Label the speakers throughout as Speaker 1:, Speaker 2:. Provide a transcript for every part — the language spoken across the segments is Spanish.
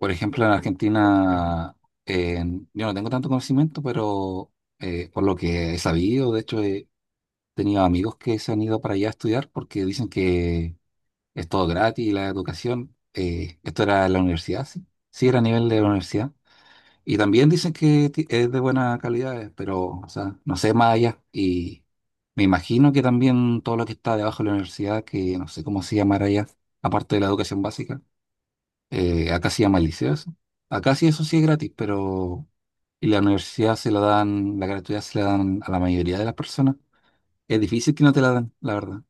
Speaker 1: Por ejemplo, en Argentina, eh, yo no tengo tanto conocimiento, pero por lo que he sabido, de hecho, he tenido amigos que se han ido para allá a estudiar porque dicen que es todo gratis la educación. Esto era en la universidad, sí. Sí, era a nivel de la universidad. Y también dicen que es de buena calidad, pero, o sea, no sé más allá. Y me imagino que también todo lo que está debajo de la universidad, que no sé cómo se llamará allá, aparte de la educación básica. Acá se llama liceo eso. Acá sí eso sí es gratis, pero y la universidad se la dan, la gratuidad se la dan a la mayoría de las personas. Es difícil que no te la dan, la verdad.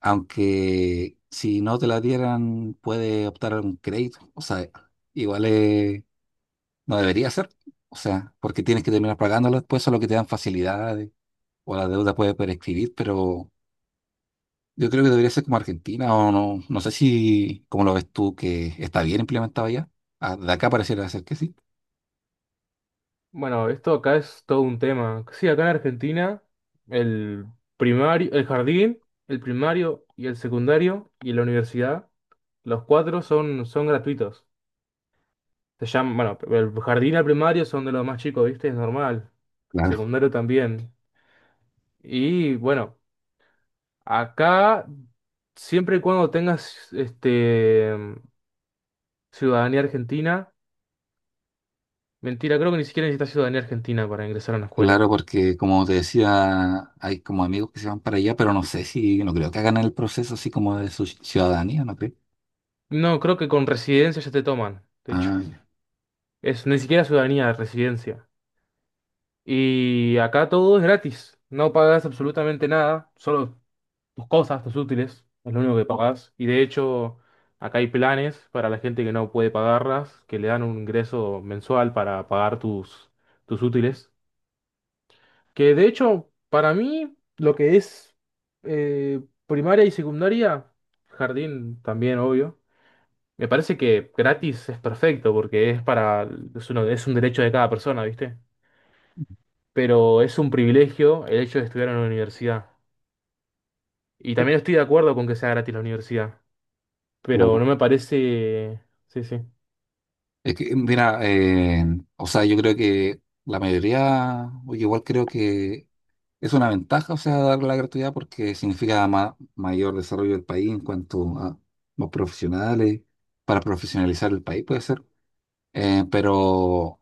Speaker 1: Aunque si no te la dieran, puede optar a un crédito. O sea, igual no debería ser. O sea, porque tienes que terminar pagándola después, solo que te dan facilidades o la deuda puede prescribir, pero yo creo que debería ser como Argentina o no. No sé si, como lo ves tú, que está bien implementado ya. Ah, de acá pareciera ser que sí.
Speaker 2: Bueno, esto acá es todo un tema. Sí, acá en Argentina, el primario, el jardín, el primario y el secundario y la universidad, los cuatro son gratuitos. Se llaman, bueno, el jardín y el primario son de los más chicos, ¿viste? Es normal.
Speaker 1: Claro,
Speaker 2: Secundario también. Y bueno, acá, siempre y cuando tengas ciudadanía argentina, mentira, creo que ni siquiera necesitas ciudadanía argentina para ingresar a una escuela.
Speaker 1: claro, porque como te decía, hay como amigos que se van para allá, pero no sé si, no creo que hagan el proceso así como de su ciudadanía, ¿no crees?
Speaker 2: No, creo que con residencia ya te toman, de hecho.
Speaker 1: Ah,
Speaker 2: Es ni siquiera ciudadanía, residencia. Y acá todo es gratis. No pagas absolutamente nada, solo tus cosas, tus útiles, es lo único que pagas. Y de hecho, acá hay planes para la gente que no puede pagarlas, que le dan un ingreso mensual para pagar tus útiles. Que de hecho, para mí, lo que es primaria y secundaria, jardín también, obvio. Me parece que gratis es perfecto porque es para, es uno- es un derecho de cada persona, ¿viste? Pero es un privilegio el hecho de estudiar en la universidad. Y
Speaker 1: ya.
Speaker 2: también estoy de acuerdo con que sea gratis la universidad, pero no
Speaker 1: Claro.
Speaker 2: me parece. Sí, sí.
Speaker 1: Es que, mira, o sea, yo creo que la mayoría, oye, igual creo que es una ventaja, o sea, dar la gratuidad porque significa mayor desarrollo del país en cuanto a los profesionales, para profesionalizar el país, puede ser. Eh, pero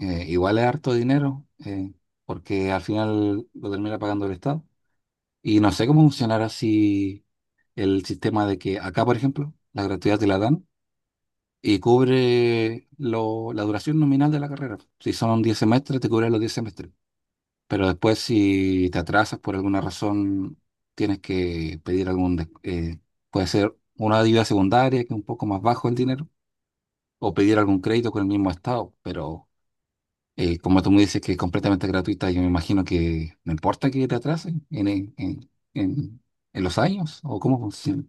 Speaker 1: Igual es harto dinero, porque al final lo termina pagando el Estado. Y no sé cómo funcionará si el sistema de que acá, por ejemplo, la gratuidad te la dan y cubre la duración nominal de la carrera. Si son 10 semestres, te cubre los 10 semestres. Pero después, si te atrasas por alguna razón, tienes que pedir algún... puede ser una ayuda secundaria, que es un poco más bajo el dinero, o pedir algún crédito con el mismo Estado, pero... como tú me dices que es completamente gratuita, yo me imagino que no importa que te atrasen en- en los años o cómo funciona.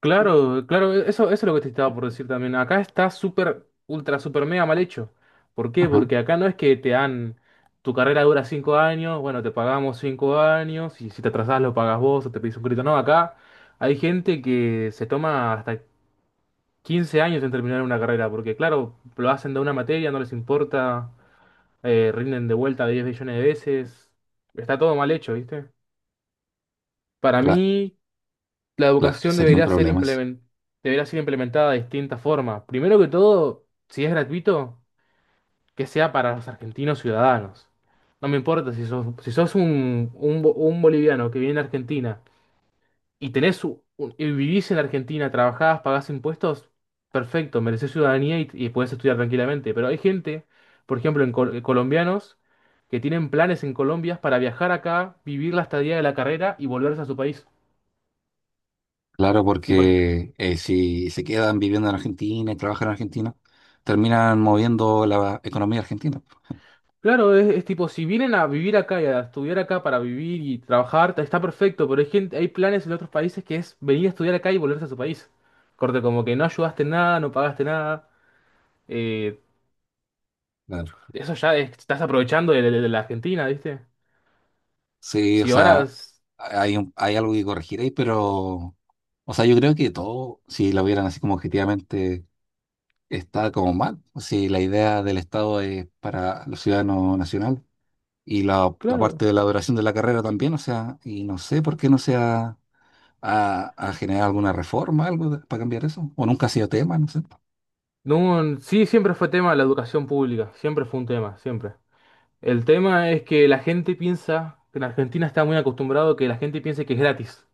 Speaker 2: Claro, claro, eso es lo que te estaba por decir también. Acá está súper, ultra, súper mega mal hecho. ¿Por qué?
Speaker 1: Ajá,
Speaker 2: Porque acá no es que te dan. Tu carrera dura 5 años, bueno, te pagamos 5 años, y si te atrasás lo pagas vos o te pedís un crédito. No, acá hay gente que se toma hasta 15 años en terminar una carrera, porque claro, lo hacen de una materia, no les importa. Rinden de vuelta 10 billones de veces. Está todo mal hecho, ¿viste? Para
Speaker 1: claro,
Speaker 2: mí, la
Speaker 1: claro,
Speaker 2: educación
Speaker 1: sería un problema eso.
Speaker 2: debería ser implementada de distintas formas. Primero que todo, si es gratuito, que sea para los argentinos ciudadanos. No me importa si sos, si sos un boliviano que viene a Argentina y y vivís en Argentina, trabajás, pagás impuestos, perfecto, merecés ciudadanía y podés estudiar tranquilamente. Pero hay gente, por ejemplo, colombianos, que tienen planes en Colombia para viajar acá, vivir la estadía de la carrera y volverse a su país.
Speaker 1: Claro,
Speaker 2: Tipo esto.
Speaker 1: porque si se quedan viviendo en Argentina y trabajan en Argentina, terminan moviendo la economía argentina, pues.
Speaker 2: Claro, es tipo, si vienen a vivir acá y a estudiar acá para vivir y trabajar, está perfecto, pero hay gente, hay planes en otros países que es venir a estudiar acá y volverse a su país. Corte, como que no ayudaste en nada, no pagaste nada. eh,
Speaker 1: Claro.
Speaker 2: Eso ya estás aprovechando de la Argentina, ¿viste?
Speaker 1: Sí, o
Speaker 2: Si ahora,
Speaker 1: sea, hay algo que corregir ahí, pero, o sea, yo creo que todo, si lo vieran así como objetivamente está como mal. Si la idea del Estado es para los ciudadanos nacionales y la parte
Speaker 2: claro.
Speaker 1: de la duración de la carrera también, o sea, y no sé por qué no se ha a generar alguna reforma, para cambiar eso, o nunca ha sido tema, no sé.
Speaker 2: No, sí, siempre fue tema la educación pública, siempre fue un tema, siempre. El tema es que la gente piensa, que en Argentina está muy acostumbrado que la gente piense que es gratis.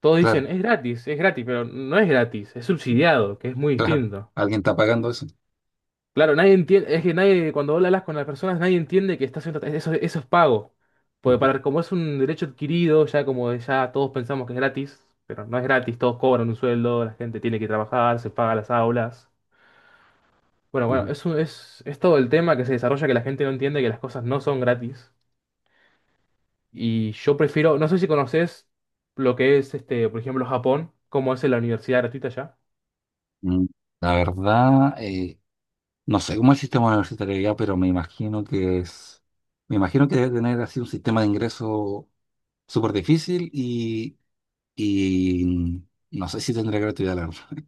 Speaker 2: Todos dicen,
Speaker 1: Claro,
Speaker 2: es gratis, pero no es gratis, es subsidiado, que es muy
Speaker 1: claro,
Speaker 2: distinto.
Speaker 1: alguien está pagando eso.
Speaker 2: Claro, nadie entiende, es que nadie, cuando hablas con las personas, nadie entiende que está haciendo, eso es pago. Porque
Speaker 1: Ujú,
Speaker 2: para, como es un derecho adquirido, ya como ya todos pensamos que es gratis, pero no es gratis, todos cobran un sueldo, la gente tiene que trabajar, se paga las aulas. Bueno, bueno,
Speaker 1: ujú.
Speaker 2: eso es todo el tema que se desarrolla que la gente no entiende que las cosas no son gratis. Y yo prefiero, no sé si conoces lo que es por ejemplo, Japón, cómo es la universidad gratuita allá.
Speaker 1: Mm, La verdad, no sé cómo es el sistema universitario ya, pero me imagino que debe tener así un sistema de ingreso súper difícil y no sé si tendré gratuidad, la verdad.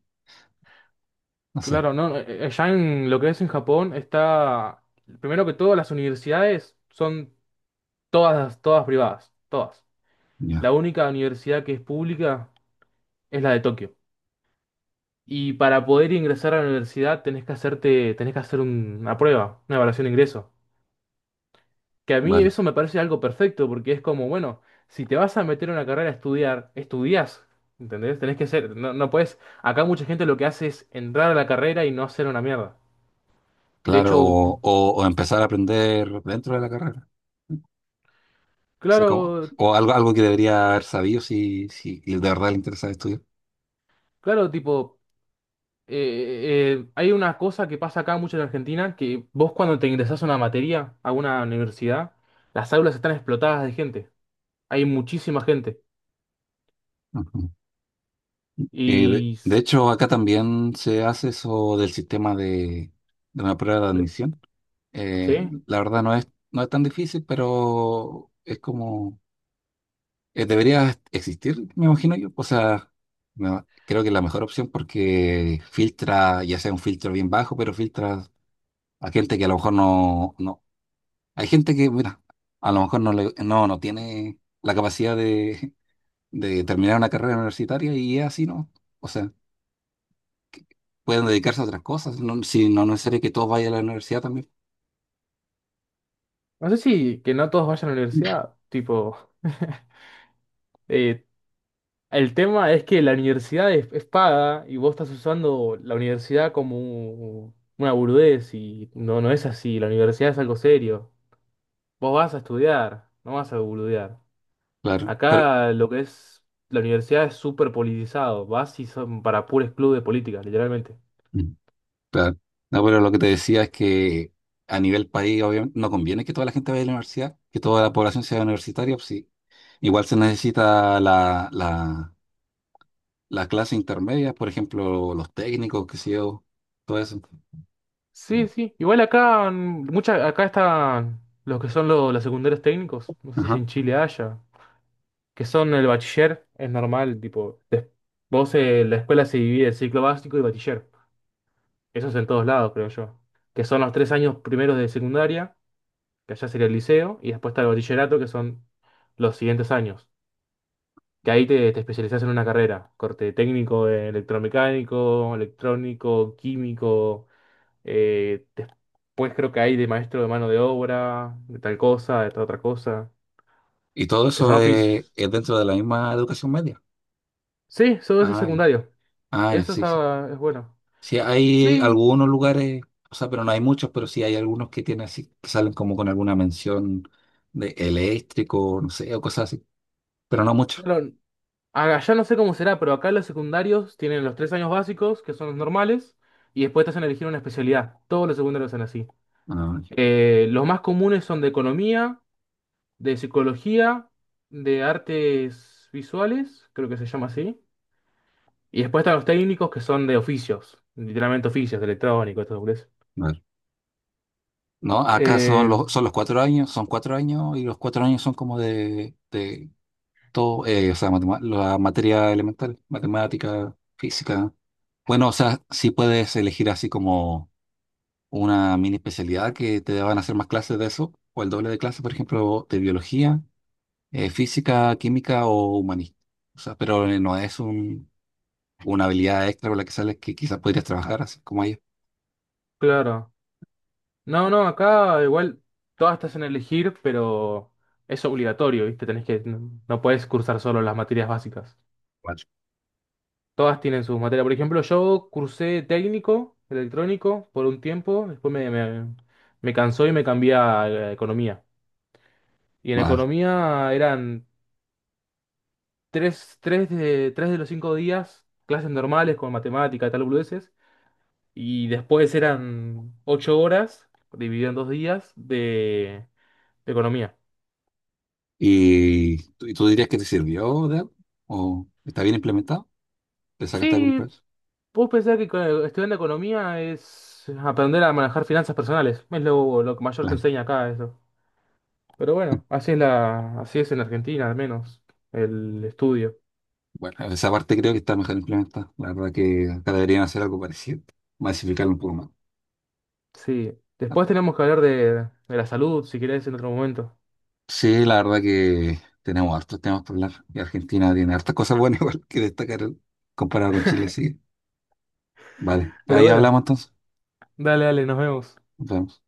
Speaker 1: No sé.
Speaker 2: Claro, no, allá en lo que es en Japón está, primero que todo, las universidades son todas, todas privadas, todas. La
Speaker 1: Ya.
Speaker 2: única universidad que es pública es la de Tokio. Y para poder ingresar a la universidad tenés que hacer una prueba, una evaluación de ingreso. Que a mí
Speaker 1: Vale.
Speaker 2: eso me parece algo perfecto, porque es como, bueno, si te vas a meter en una carrera a estudiar, estudias, ¿entendés? Tenés que ser, no, no puedes, acá mucha gente lo que hace es entrar a la carrera y no hacer una mierda. De
Speaker 1: Claro,
Speaker 2: hecho,
Speaker 1: o empezar a aprender dentro de la carrera. O sea, como,
Speaker 2: claro.
Speaker 1: o algo que debería haber sabido si, si de verdad le interesa estudiar.
Speaker 2: Claro, tipo, hay una cosa que pasa acá mucho en Argentina, que vos cuando te ingresás a una materia, a una universidad, las aulas están explotadas de gente. Hay muchísima gente.
Speaker 1: Ujú.
Speaker 2: Y,
Speaker 1: De
Speaker 2: s-
Speaker 1: hecho, acá también se hace eso del sistema de una prueba de
Speaker 2: de-
Speaker 1: admisión. Eh,
Speaker 2: ¿Sí?
Speaker 1: la verdad no es tan difícil, pero es como debería existir, me imagino yo. O sea, no, creo que es la mejor opción porque filtra, ya sea un filtro bien bajo, pero filtra a gente que a lo mejor no, no. Hay gente que, mira, a lo mejor no tiene la capacidad de terminar una carrera universitaria y es así, ¿no? O sea, pueden dedicarse a otras cosas, no, si no no es necesario que todos vayan a la universidad también.
Speaker 2: No sé si que no todos vayan a la universidad, tipo, eh, el tema es que la universidad es paga y vos estás usando la universidad como una burudez y no, no es así, la universidad es algo serio. Vos vas a estudiar, no vas a boludear.
Speaker 1: Claro, pero...
Speaker 2: Acá lo que es la universidad es súper politizado. Vas y son para puros clubes de política, literalmente.
Speaker 1: Claro. No, pero lo que te decía es que a nivel país, obviamente, no conviene que toda la gente vaya a la universidad, que toda la población sea universitaria, pues sí. Igual se necesita la clase intermedia, por ejemplo, los técnicos, qué sé yo, todo eso.
Speaker 2: Sí, sí. Igual acá, acá están los que son los secundarios técnicos. No sé si
Speaker 1: Ajá.
Speaker 2: en Chile haya. Que son el bachiller, es normal, tipo. Vos en la escuela se divide en ciclo básico y bachiller. Eso es en todos lados, creo yo. Que son los 3 años primeros de secundaria, que allá sería el liceo, y después está el bachillerato, que son los siguientes años. Que ahí te especializás en una carrera, corte técnico en electromecánico, electrónico, químico, después creo que hay de maestro de mano de obra, de tal cosa, de tal otra cosa,
Speaker 1: Y todo
Speaker 2: que son
Speaker 1: eso es,
Speaker 2: oficios.
Speaker 1: es dentro de la misma educación media.
Speaker 2: Sí, todo eso es
Speaker 1: Ay,
Speaker 2: secundario,
Speaker 1: ay,
Speaker 2: eso
Speaker 1: sí, sí.
Speaker 2: está, es bueno.
Speaker 1: Sí, hay
Speaker 2: Sí,
Speaker 1: algunos lugares, o sea, pero no hay muchos, pero sí hay algunos que tienen así, que salen como con alguna mención de eléctrico, no sé, o cosas así, pero no muchos.
Speaker 2: pero allá no sé cómo será, pero acá los secundarios tienen los 3 años básicos, que son los normales, y después te hacen elegir una especialidad, todos los secundarios son así.
Speaker 1: Ah,
Speaker 2: Los más comunes son de economía, de psicología, de artes visuales, creo que se llama así. Y después están los técnicos que son de oficios, literalmente oficios, de electrónico, esto es.
Speaker 1: vale. No, acá son
Speaker 2: Eh,
Speaker 1: son los 4 años, son 4 años y los 4 años son como de, todo, o sea, la materia elemental, matemática, física. Bueno, o sea, sí puedes elegir así como una mini especialidad que te van a hacer más clases de eso, o el doble de clases, por ejemplo, de biología, física, química o humanista. O sea, pero no es un, una habilidad extra con la que sales que quizás podrías trabajar así como ellos.
Speaker 2: claro. No, no, acá igual todas te en elegir, pero es obligatorio, ¿viste? Tenés que, no, no podés cursar solo las materias básicas.
Speaker 1: Vale.
Speaker 2: Todas tienen sus materias. Por ejemplo, yo cursé técnico, electrónico, por un tiempo, después me cansó y me cambié a economía. Y en
Speaker 1: Vale.
Speaker 2: economía eran tres de los cinco días, clases normales con matemática, tal, boludeces. Y después eran 8 horas, dividido en 2 días, de economía.
Speaker 1: Y tú dirías que te sirvió de algo? ¿O está bien implementado? ¿Le sacaste algún
Speaker 2: Sí,
Speaker 1: precio?
Speaker 2: vos pensás que estudiando economía es aprender a manejar finanzas personales. Es lo que mayor te
Speaker 1: Claro.
Speaker 2: enseña acá eso. Pero bueno, así es en Argentina al menos, el estudio.
Speaker 1: Bueno, esa parte creo que está mejor implementada. La verdad que acá deberían hacer algo parecido. Masificarlo un poco más.
Speaker 2: Sí.
Speaker 1: Ah,
Speaker 2: Después tenemos que hablar de la salud, si querés, en otro momento.
Speaker 1: sí, la verdad que tenemos hartos temas por hablar. Y Argentina tiene hartas cosas buenas igual que destacar comparado con Chile, sí. Vale,
Speaker 2: Pero
Speaker 1: ahí
Speaker 2: bueno,
Speaker 1: hablamos entonces.
Speaker 2: dale, dale, nos vemos.
Speaker 1: Nos vemos.